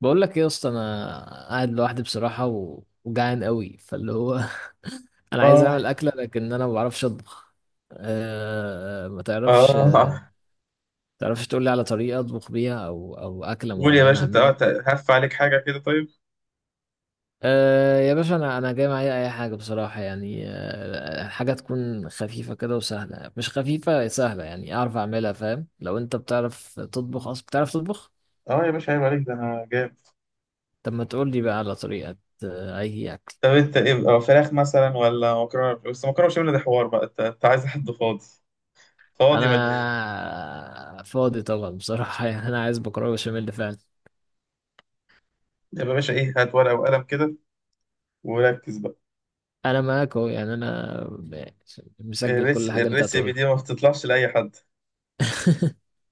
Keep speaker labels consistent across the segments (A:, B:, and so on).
A: بقول لك ايه يا اسطى، انا قاعد لوحدي بصراحه وجعان قوي فاللي هو. انا عايز
B: اه
A: اعمل اكله، لكن انا ما بعرفش اطبخ. ما تعرفش؟
B: اه.
A: تعرفش تقول لي على طريقه اطبخ بيها او اكله
B: قول يا
A: معينه
B: باشا انت،
A: اعملها؟
B: أنت هف عليك حاجة كده؟ طيب،
A: يا باشا، انا جاي معايا اي حاجه بصراحه، يعني حاجه تكون خفيفه كده وسهله، مش خفيفه سهله، يعني اعرف اعملها. فاهم؟ لو انت بتعرف تطبخ اصلا، بتعرف تطبخ؟
B: اه يا باشا عيب عليك، ده انا جامد.
A: طب ما تقول لي بقى على طريقه. اي اكل؟
B: طب انت ايه، فراخ مثلا ولا مكرونة؟ بس مكرونة بشاميل ده حوار بقى، انت أنت عايز حد فاضي فاضي ولا ايه؟
A: انا فاضي طبعا بصراحه. يعني انا عايز مكرونه بشاميل ده فعلا.
B: يبقى يا باشا ايه، هات ورقة وقلم كده وركز بقى.
A: انا معاك اهو، يعني مسجل كل حاجه انت
B: الريسيبي
A: هتقولها.
B: دي ما بتطلعش لأي حد.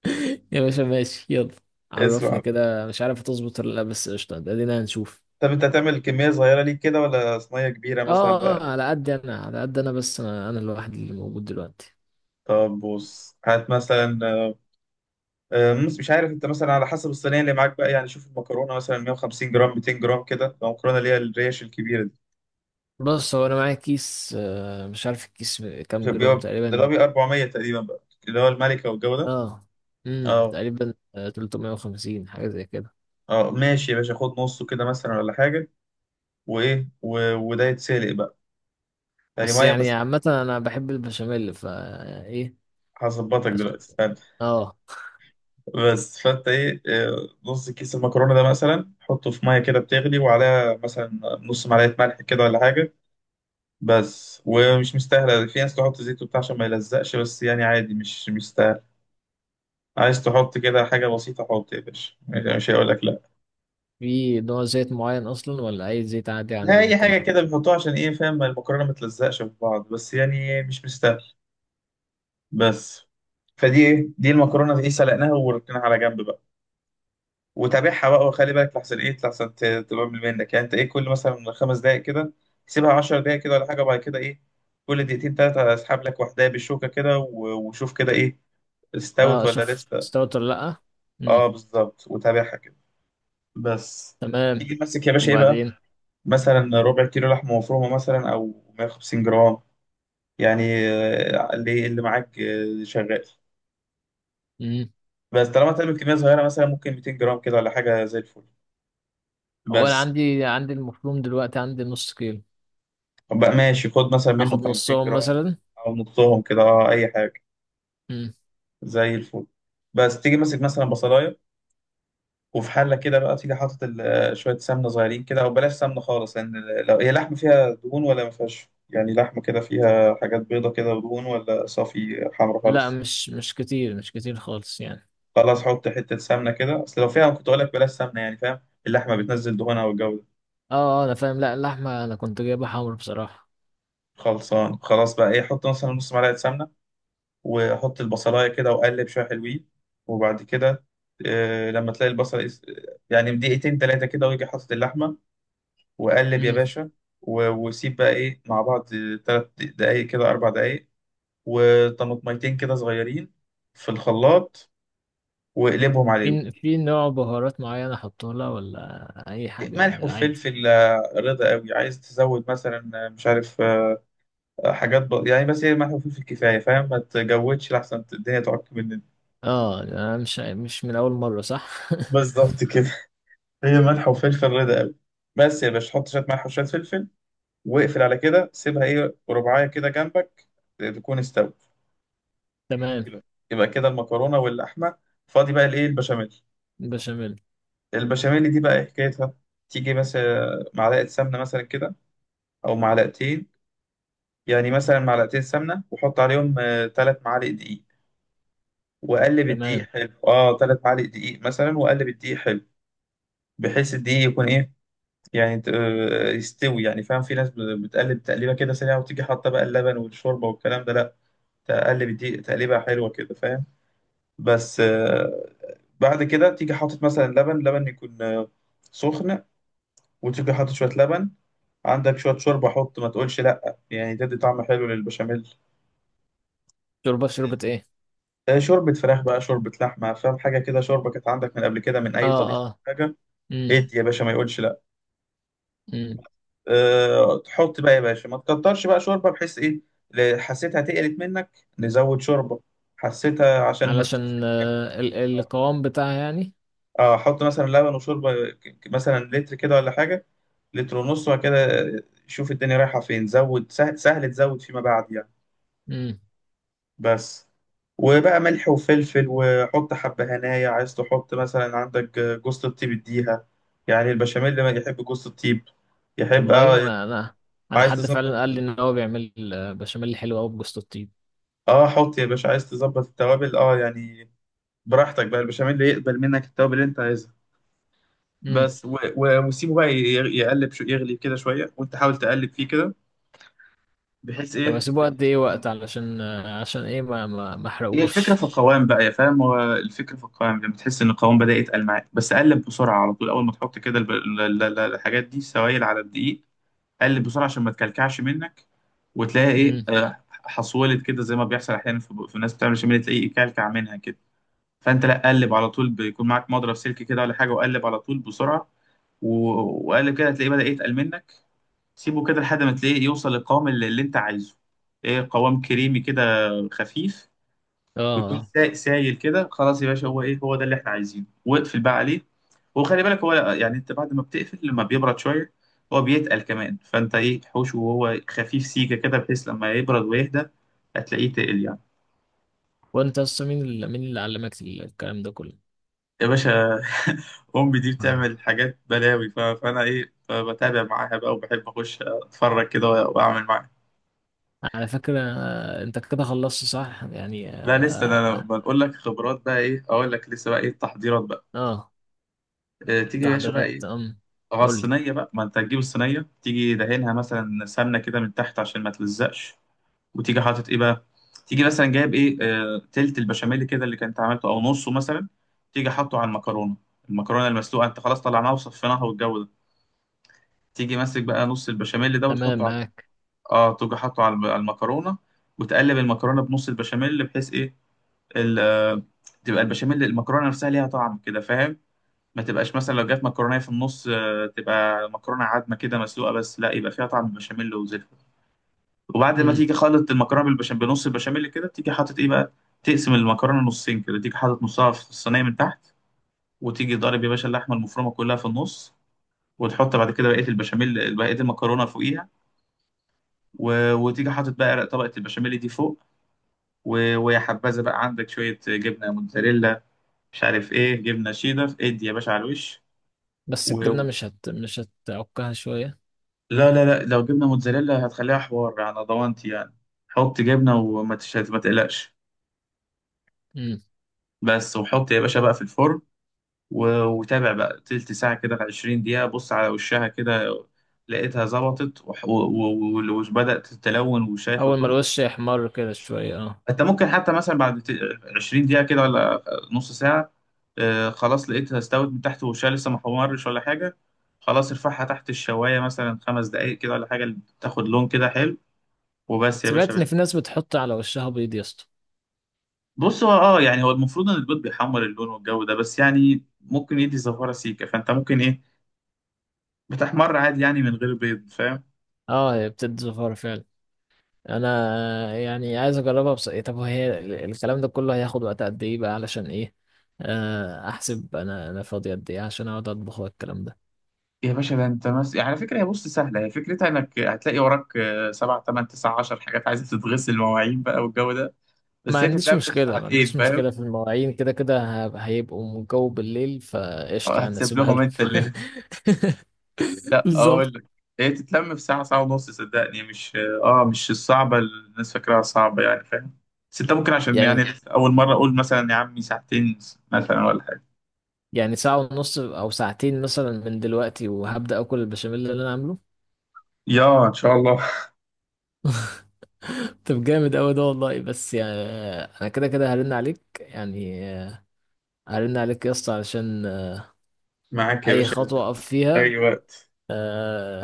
A: يا باشا ماشي، يلا
B: اسمع
A: عرفني
B: بقى،
A: كده. مش عارف هتظبط ولا لا، بس قشطه ده دينا هنشوف.
B: طب انت هتعمل كمية صغيرة ليك كده ولا صينية كبيرة
A: اه،
B: مثلا بقى؟
A: على قد انا، على قد انا، بس أنا الواحد اللي موجود دلوقتي.
B: طب بص هات مثلا، مش عارف انت، مثلا على حسب الصينيه اللي معاك بقى، يعني شوف المكرونه مثلا 150 جرام 200 جرام كده، لو المكرونه اللي هي الريش الكبيره دي
A: بص، هو انا معايا كيس، مش عارف الكيس كام
B: بتبقى-
A: جرام
B: ده اللي هو
A: تقريبا.
B: بيبقى 400 تقريبا بقى، اللي هو الملكه والجو ده.
A: اه،
B: اه
A: تقريبا 350 حاجه زي كده.
B: اه ماشي يا باشا، خد نصه كده مثلا ولا حاجه. وايه، وده يتسلق بقى، يعني
A: بس
B: ميه
A: يعني
B: بس.
A: عامة أنا بحب البشاميل، فا إيه؟
B: هظبطك دلوقتي
A: عشان.
B: استنى.
A: اه.
B: بس فانت ايه، نص كيس المكرونه ده مثلا حطه في ميه كده بتغلي، وعليها مثلا نص معلقه ملح كده ولا حاجه بس. ومش مستاهله، في ناس تحط زيت وبتاع عشان ما يلزقش، بس يعني عادي مش مستاهل. عايز تحط كده حاجه بسيطه، حط يا باشا، مش هيقول لك لا.
A: في نوع زيت معين اصلا، ولا اي زيت عادي
B: لا،
A: عندي
B: اي
A: ممكن
B: حاجه كده
A: احطه؟
B: بيحطوها عشان ايه فاهم، المكرونه ما تلزقش في بعض، بس يعني مش مستاهل بس. فدي ايه، دي المكرونه ايه، سلقناها وركناها على جنب بقى، وتابعها بقى وخلي بالك لحسن ايه، لحسن تبقى من منك، يعني انت ايه، كل مثلا 5 دقائق كده، سيبها 10 دقائق كده ولا حاجه. وبعد كده ايه، كل دقيقتين ثلاثه اسحب لك واحده بالشوكه كده وشوف كده ايه،
A: اه،
B: استوت ولا
A: اشوف
B: لسه.
A: استوت ولا لا.
B: اه
A: امم.
B: بالظبط، وتابعها كده بس.
A: تمام.
B: تيجي تمسك يا باشا ايه بقى،
A: وبعدين.
B: مثلا ربع كيلو لحمه مفرومه مثلا او 150 جرام يعني، اللي اللي معاك شغال
A: امم.
B: بس. طالما تعمل كميه صغيره، مثلا ممكن 200 جرام كده ولا حاجه زي الفل
A: هو انا
B: بس.
A: عندي المفروم دلوقتي، عندي نص كيلو.
B: طب بقى ماشي، خد مثلا منه
A: اخد
B: بتاع 200
A: نصهم
B: جرام
A: مثلا.
B: او نصهم كده، اه اي حاجه
A: امم.
B: زي الفل بس. تيجي ماسك مثلا بصلايه، وفي حله كده بقى تيجي حاطط شويه سمنه صغيرين كده، او بلاش سمنه خالص، لان لو هي لحمه فيها دهون ولا ما فيهاش، يعني لحمه كده فيها حاجات بيضه كده ودهون، ولا صافي حمرا
A: لا،
B: خالص.
A: مش كتير، مش كتير خالص يعني.
B: خلاص حط حته سمنه كده، اصل لو فيها كنت اقول لك بلاش سمنه يعني، فاهم، اللحمه بتنزل دهونها والجو ده.
A: اه، انا فاهم. لا اللحمه انا كنت جايبها حمر بصراحه.
B: خلصان خلاص بقى ايه، حط مثلا نص معلقه سمنه، وحط البصلايه كده وقلب شويه حلوين. وبعد كده لما تلاقي البصل يعني دقيقتين تلاتة كده، ويجي حاطط اللحمة وقلب يا
A: امم.
B: باشا، وسيب بقى ايه مع بعض 3 دقايق كده 4 دقايق. وطماطميتين كده صغيرين في الخلاط، واقلبهم عليهم
A: في نوع بهارات معينه احطه لها، ولا اي
B: ملح
A: حاجه عادي؟
B: وفلفل. رضا قوي عايز تزود مثلا، مش عارف، حاجات يعني بس هي ملح وفلفل كفايه فاهم، ما تجودش لحسن الدنيا تعك مننا.
A: اه، أنا مش من اول مره صح.
B: بالظبط كده، هي ملح وفلفل رضا قوي بس. يا باشا حط شويه ملح وشويه فلفل، واقفل على كده. سيبها ايه، رباعيه كده جنبك تكون استوت.
A: تمام.
B: يبقى، يبقى كده المكرونه واللحمه. فاضي بقى الايه، البشاميل.
A: بشاميل.
B: البشاميل دي بقى إيه حكايتها، تيجي مثلا معلقه سمنه مثلا كده، او معلقتين يعني. مثلا معلقتين سمنه، وحط عليهم 3 معالق دقيق، وقلب الدقيق
A: تمام.
B: حلو. اه 3 معالق دقيق مثلا، وقلب الدقيق حلو، بحيث الدقيق يكون ايه، يعني يستوي يعني، فاهم؟ في ناس بتقلب تقليبه كده سريعه وتيجي حاطه بقى اللبن والشوربه والكلام ده، لا تقلب الدقيق تقليبه حلوه كده فاهم بس. بعد كده تيجي حاطط مثلا لبن، لبن يكون سخن. وتيجي حاطط شوية لبن، عندك شوية شوربة حط، ما تقولش لأ، يعني تدي طعم حلو للبشاميل.
A: شوربة ايه؟
B: شوربة فراخ بقى، شوربة لحمة، فاهم، حاجة كده شوربة كانت عندك من قبل كده من
A: اه،
B: أي طبيخ،
A: اه.
B: حاجة.
A: امم.
B: ادي يا باشا ما يقولش لأ.
A: امم.
B: أه تحط بقى يا باشا ما تكترش بقى شوربة بحيث إيه، حسيتها تقلت منك نزود شوربة، حسيتها عشان ما تخسرش
A: علشان
B: منك.
A: آه ال
B: آه.
A: القوام بتاعها يعني.
B: اه احط مثلا لبن وشوربه، مثلا لتر كده ولا حاجه، لتر ونص، وبعد كده شوف الدنيا رايحه فين، زود. سهل تزود فيما بعد يعني
A: امم.
B: بس. وبقى ملح وفلفل، وحط حبة هنايا، عايز تحط مثلا عندك جوز الطيب، اديها يعني، البشاميل ما يحب جوز الطيب، يحب
A: والله
B: اه.
A: انا، انا
B: عايز
A: حد
B: تظبط،
A: فعلا قال لي ان هو بيعمل بشاميل حلو قوي بجوز الطيب.
B: اه حط يا باشا، عايز تظبط التوابل اه يعني، براحتك بقى، البشاميل يقبل منك التوابل اللي انت عايزها
A: امم.
B: بس. وسيبه بقى يقلب يغلي كده شوية، وانت حاول تقلب فيه كده بحيث
A: طب
B: ايه،
A: هسيبه قد ايه وقت؟ علشان آه، عشان ايه ما
B: هي الفكره في
A: احرقوش.
B: القوام بقى يا فاهم، هو الفكره في القوام، لما تحس ان القوام بدا يتقل معاك، بس قلب بسرعه على طول، اول ما تحط كده الحاجات دي سوائل على الدقيق، قلب بسرعه عشان ما تكلكعش منك، وتلاقي ايه،
A: امم.
B: حصولت كده زي ما بيحصل احيانا في الناس بتعمل شمال تلاقيه يكلكع منها كده. فانت لا، قلب على طول، بيكون معاك مضرب سلك كده ولا حاجه، وقلب على طول بسرعه، وقلب كده هتلاقيه بدا يتقل منك. سيبه كده لحد ما تلاقيه يوصل للقوام اللي انت عايزه، ايه، قوام كريمي كده خفيف،
A: اه.
B: ويكون
A: آه.
B: سايل كده، خلاص يا باشا هو ايه، هو ده اللي احنا عايزينه، واقفل بقى عليه. وخلي بالك هو يعني انت بعد ما بتقفل لما بيبرد شويه هو بيتقل كمان، فانت ايه، حوشه وهو خفيف سيكه كده، بحيث لما يبرد ويهدى هتلاقيه تقل يعني.
A: وانت اصلا مين اللي علمك الكلام ده كله؟
B: يا باشا امي دي بتعمل حاجات بلاوي، فانا ايه، بتابع معاها بقى، وبحب اخش اتفرج كده واعمل معاها.
A: على فكرة انت كده خلصت صح يعني؟
B: لا لسه، انا
A: اه.
B: بقول لك خبرات بقى، ايه اقول لك لسه بقى ايه التحضيرات بقى.
A: آه.
B: تيجي يا باشا بقى
A: التحضيرات. امم.
B: اه
A: قول لي.
B: الصينية بقى، ما انت هتجيب الصينية تيجي دهنها مثلا سمنة كده من تحت عشان ما تلزقش. وتيجي حاطط ايه بقى، تيجي مثلا جايب ايه، آه تلت البشاميل كده اللي كنت عملته او نصه مثلا، تيجي حاطه على المكرونة. المكرونة المسلوقة انت خلاص طلعناها وصفيناها والجو ده، تيجي ماسك بقى نص البشاميل ده وتحطه
A: تمام،
B: على،
A: معاك.
B: اه تيجي حاطه على على المكرونة، وتقلب المكرونة بنص البشاميل بحيث ايه، ال... آه، تبقى البشاميل، المكرونة نفسها ليها طعم كده فاهم، ما تبقاش مثلا لو جت مكرونه في النص، تبقى مكرونه عادمه كده مسلوقه بس، لا يبقى فيها طعم البشاميل وزلفه. وبعد ما تيجي خلط المكرونه بالبشاميل بنص البشاميل كده، تيجي حاطط ايه بقى، تقسم المكرونه نصين كده، تيجي حاطط نصها في الصينيه من تحت، وتيجي ضارب يا باشا اللحمه المفرومه كلها في النص، وتحط بعد كده بقيه البشاميل بقيه المكرونه فوقيها. وتيجي حاطط بقى طبقه البشاميل دي فوق، ويا حبذا بقى عندك شويه جبنه موتزاريلا، مش عارف ايه جبنه شيدر، ادي يا باشا على الوش.
A: بس الجبنة مش هتعكها شوية؟
B: لا لا لا، لو جبنا موتزاريلا هتخليها حوار على ضمانتي يعني، حط جبنة ما تقلقش
A: امم.
B: بس. وحط يا باشا بقى في الفرن، وتابع بقى تلت ساعة كده 20 دقيقة، بص على وشها كده لقيتها ظبطت وبدأت تتلون، وشها ياخد
A: أول ما
B: لون.
A: الوش يحمر كده شوية، اه.
B: انت ممكن حتى مثلا بعد 20 دقيقة كده ولا نص ساعة، خلاص لقيتها استوت من تحت وشها لسه ما حمرش ولا حاجة، خلاص ارفعها تحت الشواية مثلا 5 دقايق كده ولا حاجة تاخد لون كده حلو، وبس يا
A: سمعت
B: باشا.
A: إن في ناس بتحط على وشها بيض يا اسطى.
B: بص هو اه يعني هو المفروض ان البيض بيحمر اللون والجو ده، بس يعني ممكن يدي زفارة سيكة، فانت ممكن ايه، بتحمر عادي يعني من غير بيض فاهم.
A: اه، هي بتدي زفارة فعلا. أنا يعني عايز أجربها، بس إيه، طب وهي الكلام ده كله هياخد وقت قد إيه بقى؟ علشان إيه، أحسب أنا فاضي قد إيه عشان أقعد أطبخ والكلام ده.
B: يا باشا ده انت يعني على فكرة هي بص سهلة، هي فكرتها انك هتلاقي وراك، 7 8 9 10 حاجات عايزة تتغسل، مواعين بقى والجو ده،
A: ما
B: بس هي
A: عنديش
B: تتلم في
A: مشكلة ما
B: ساعتين
A: عنديش
B: فاهم.
A: مشكلة في المواعين، كده كده هيبقوا جو بالليل، فقشطة أنا
B: هتسيب
A: أسيبها
B: لهم
A: لهم.
B: انت اللي لا اقول
A: بالظبط.
B: لك، هي تتلم في ساعة ساعة ونص صدقني، مش اه مش الصعبة اللي الناس فاكراها صعبة يعني فاهم. بس انت ممكن عشان يعني
A: يعني
B: اول مرة اقول مثلا يا عمي ساعتين مثلا ولا حاجة.
A: يعني ساعة ونص أو ساعتين مثلا، من دلوقتي وهبدأ أكل البشاميل اللي أنا عامله.
B: يا ان شاء الله.
A: طب جامد أوي ده والله، بس يعني أنا كده كده هرن عليك يعني. هرن عليك يا اسطى علشان
B: معاك يا
A: أي
B: باشا
A: خطوة أقف
B: اي
A: فيها.
B: وقت،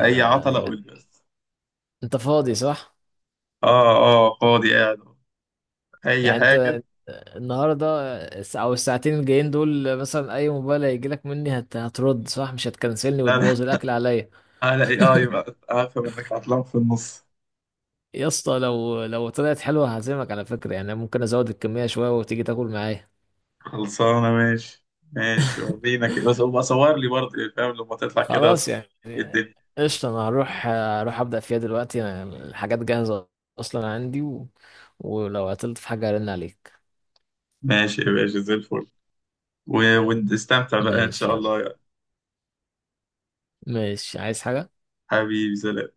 B: اي عطلة قول
A: يعني
B: لي بس.
A: أنت فاضي صح؟
B: اه اه فاضي قاعد، اي
A: يعني
B: حاجة.
A: أنت النهاردة، أو الساعتين الجايين دول، مثلا أي موبايل هيجيلك مني هترد صح؟ مش هتكنسلني
B: لا لا،
A: وتبوظ الأكل عليا.
B: على اي اي بقى، عارف انك عطلان في النص.
A: يا اسطى، لو طلعت حلوة هعزمك على فكرة، يعني ممكن أزود الكمية شوية وتيجي تاكل معايا.
B: خلصانة ماشي، ماشي ورينا كده، بس هو صور لي برضه يعني فاهم، لما تطلع كده
A: خلاص
B: صور
A: يعني.
B: لي الدنيا.
A: قشطة، أنا هروح أبدأ فيها دلوقتي، أنا الحاجات جاهزة أصلا عندي ولو عطلت في حاجة هرن عليك.
B: ماشي يا باشا زي الفل، ونستمتع بقى ان
A: ماشي
B: شاء
A: يلا.
B: الله يا
A: ماشي، عايز حاجة؟
B: حبيبي، سلام.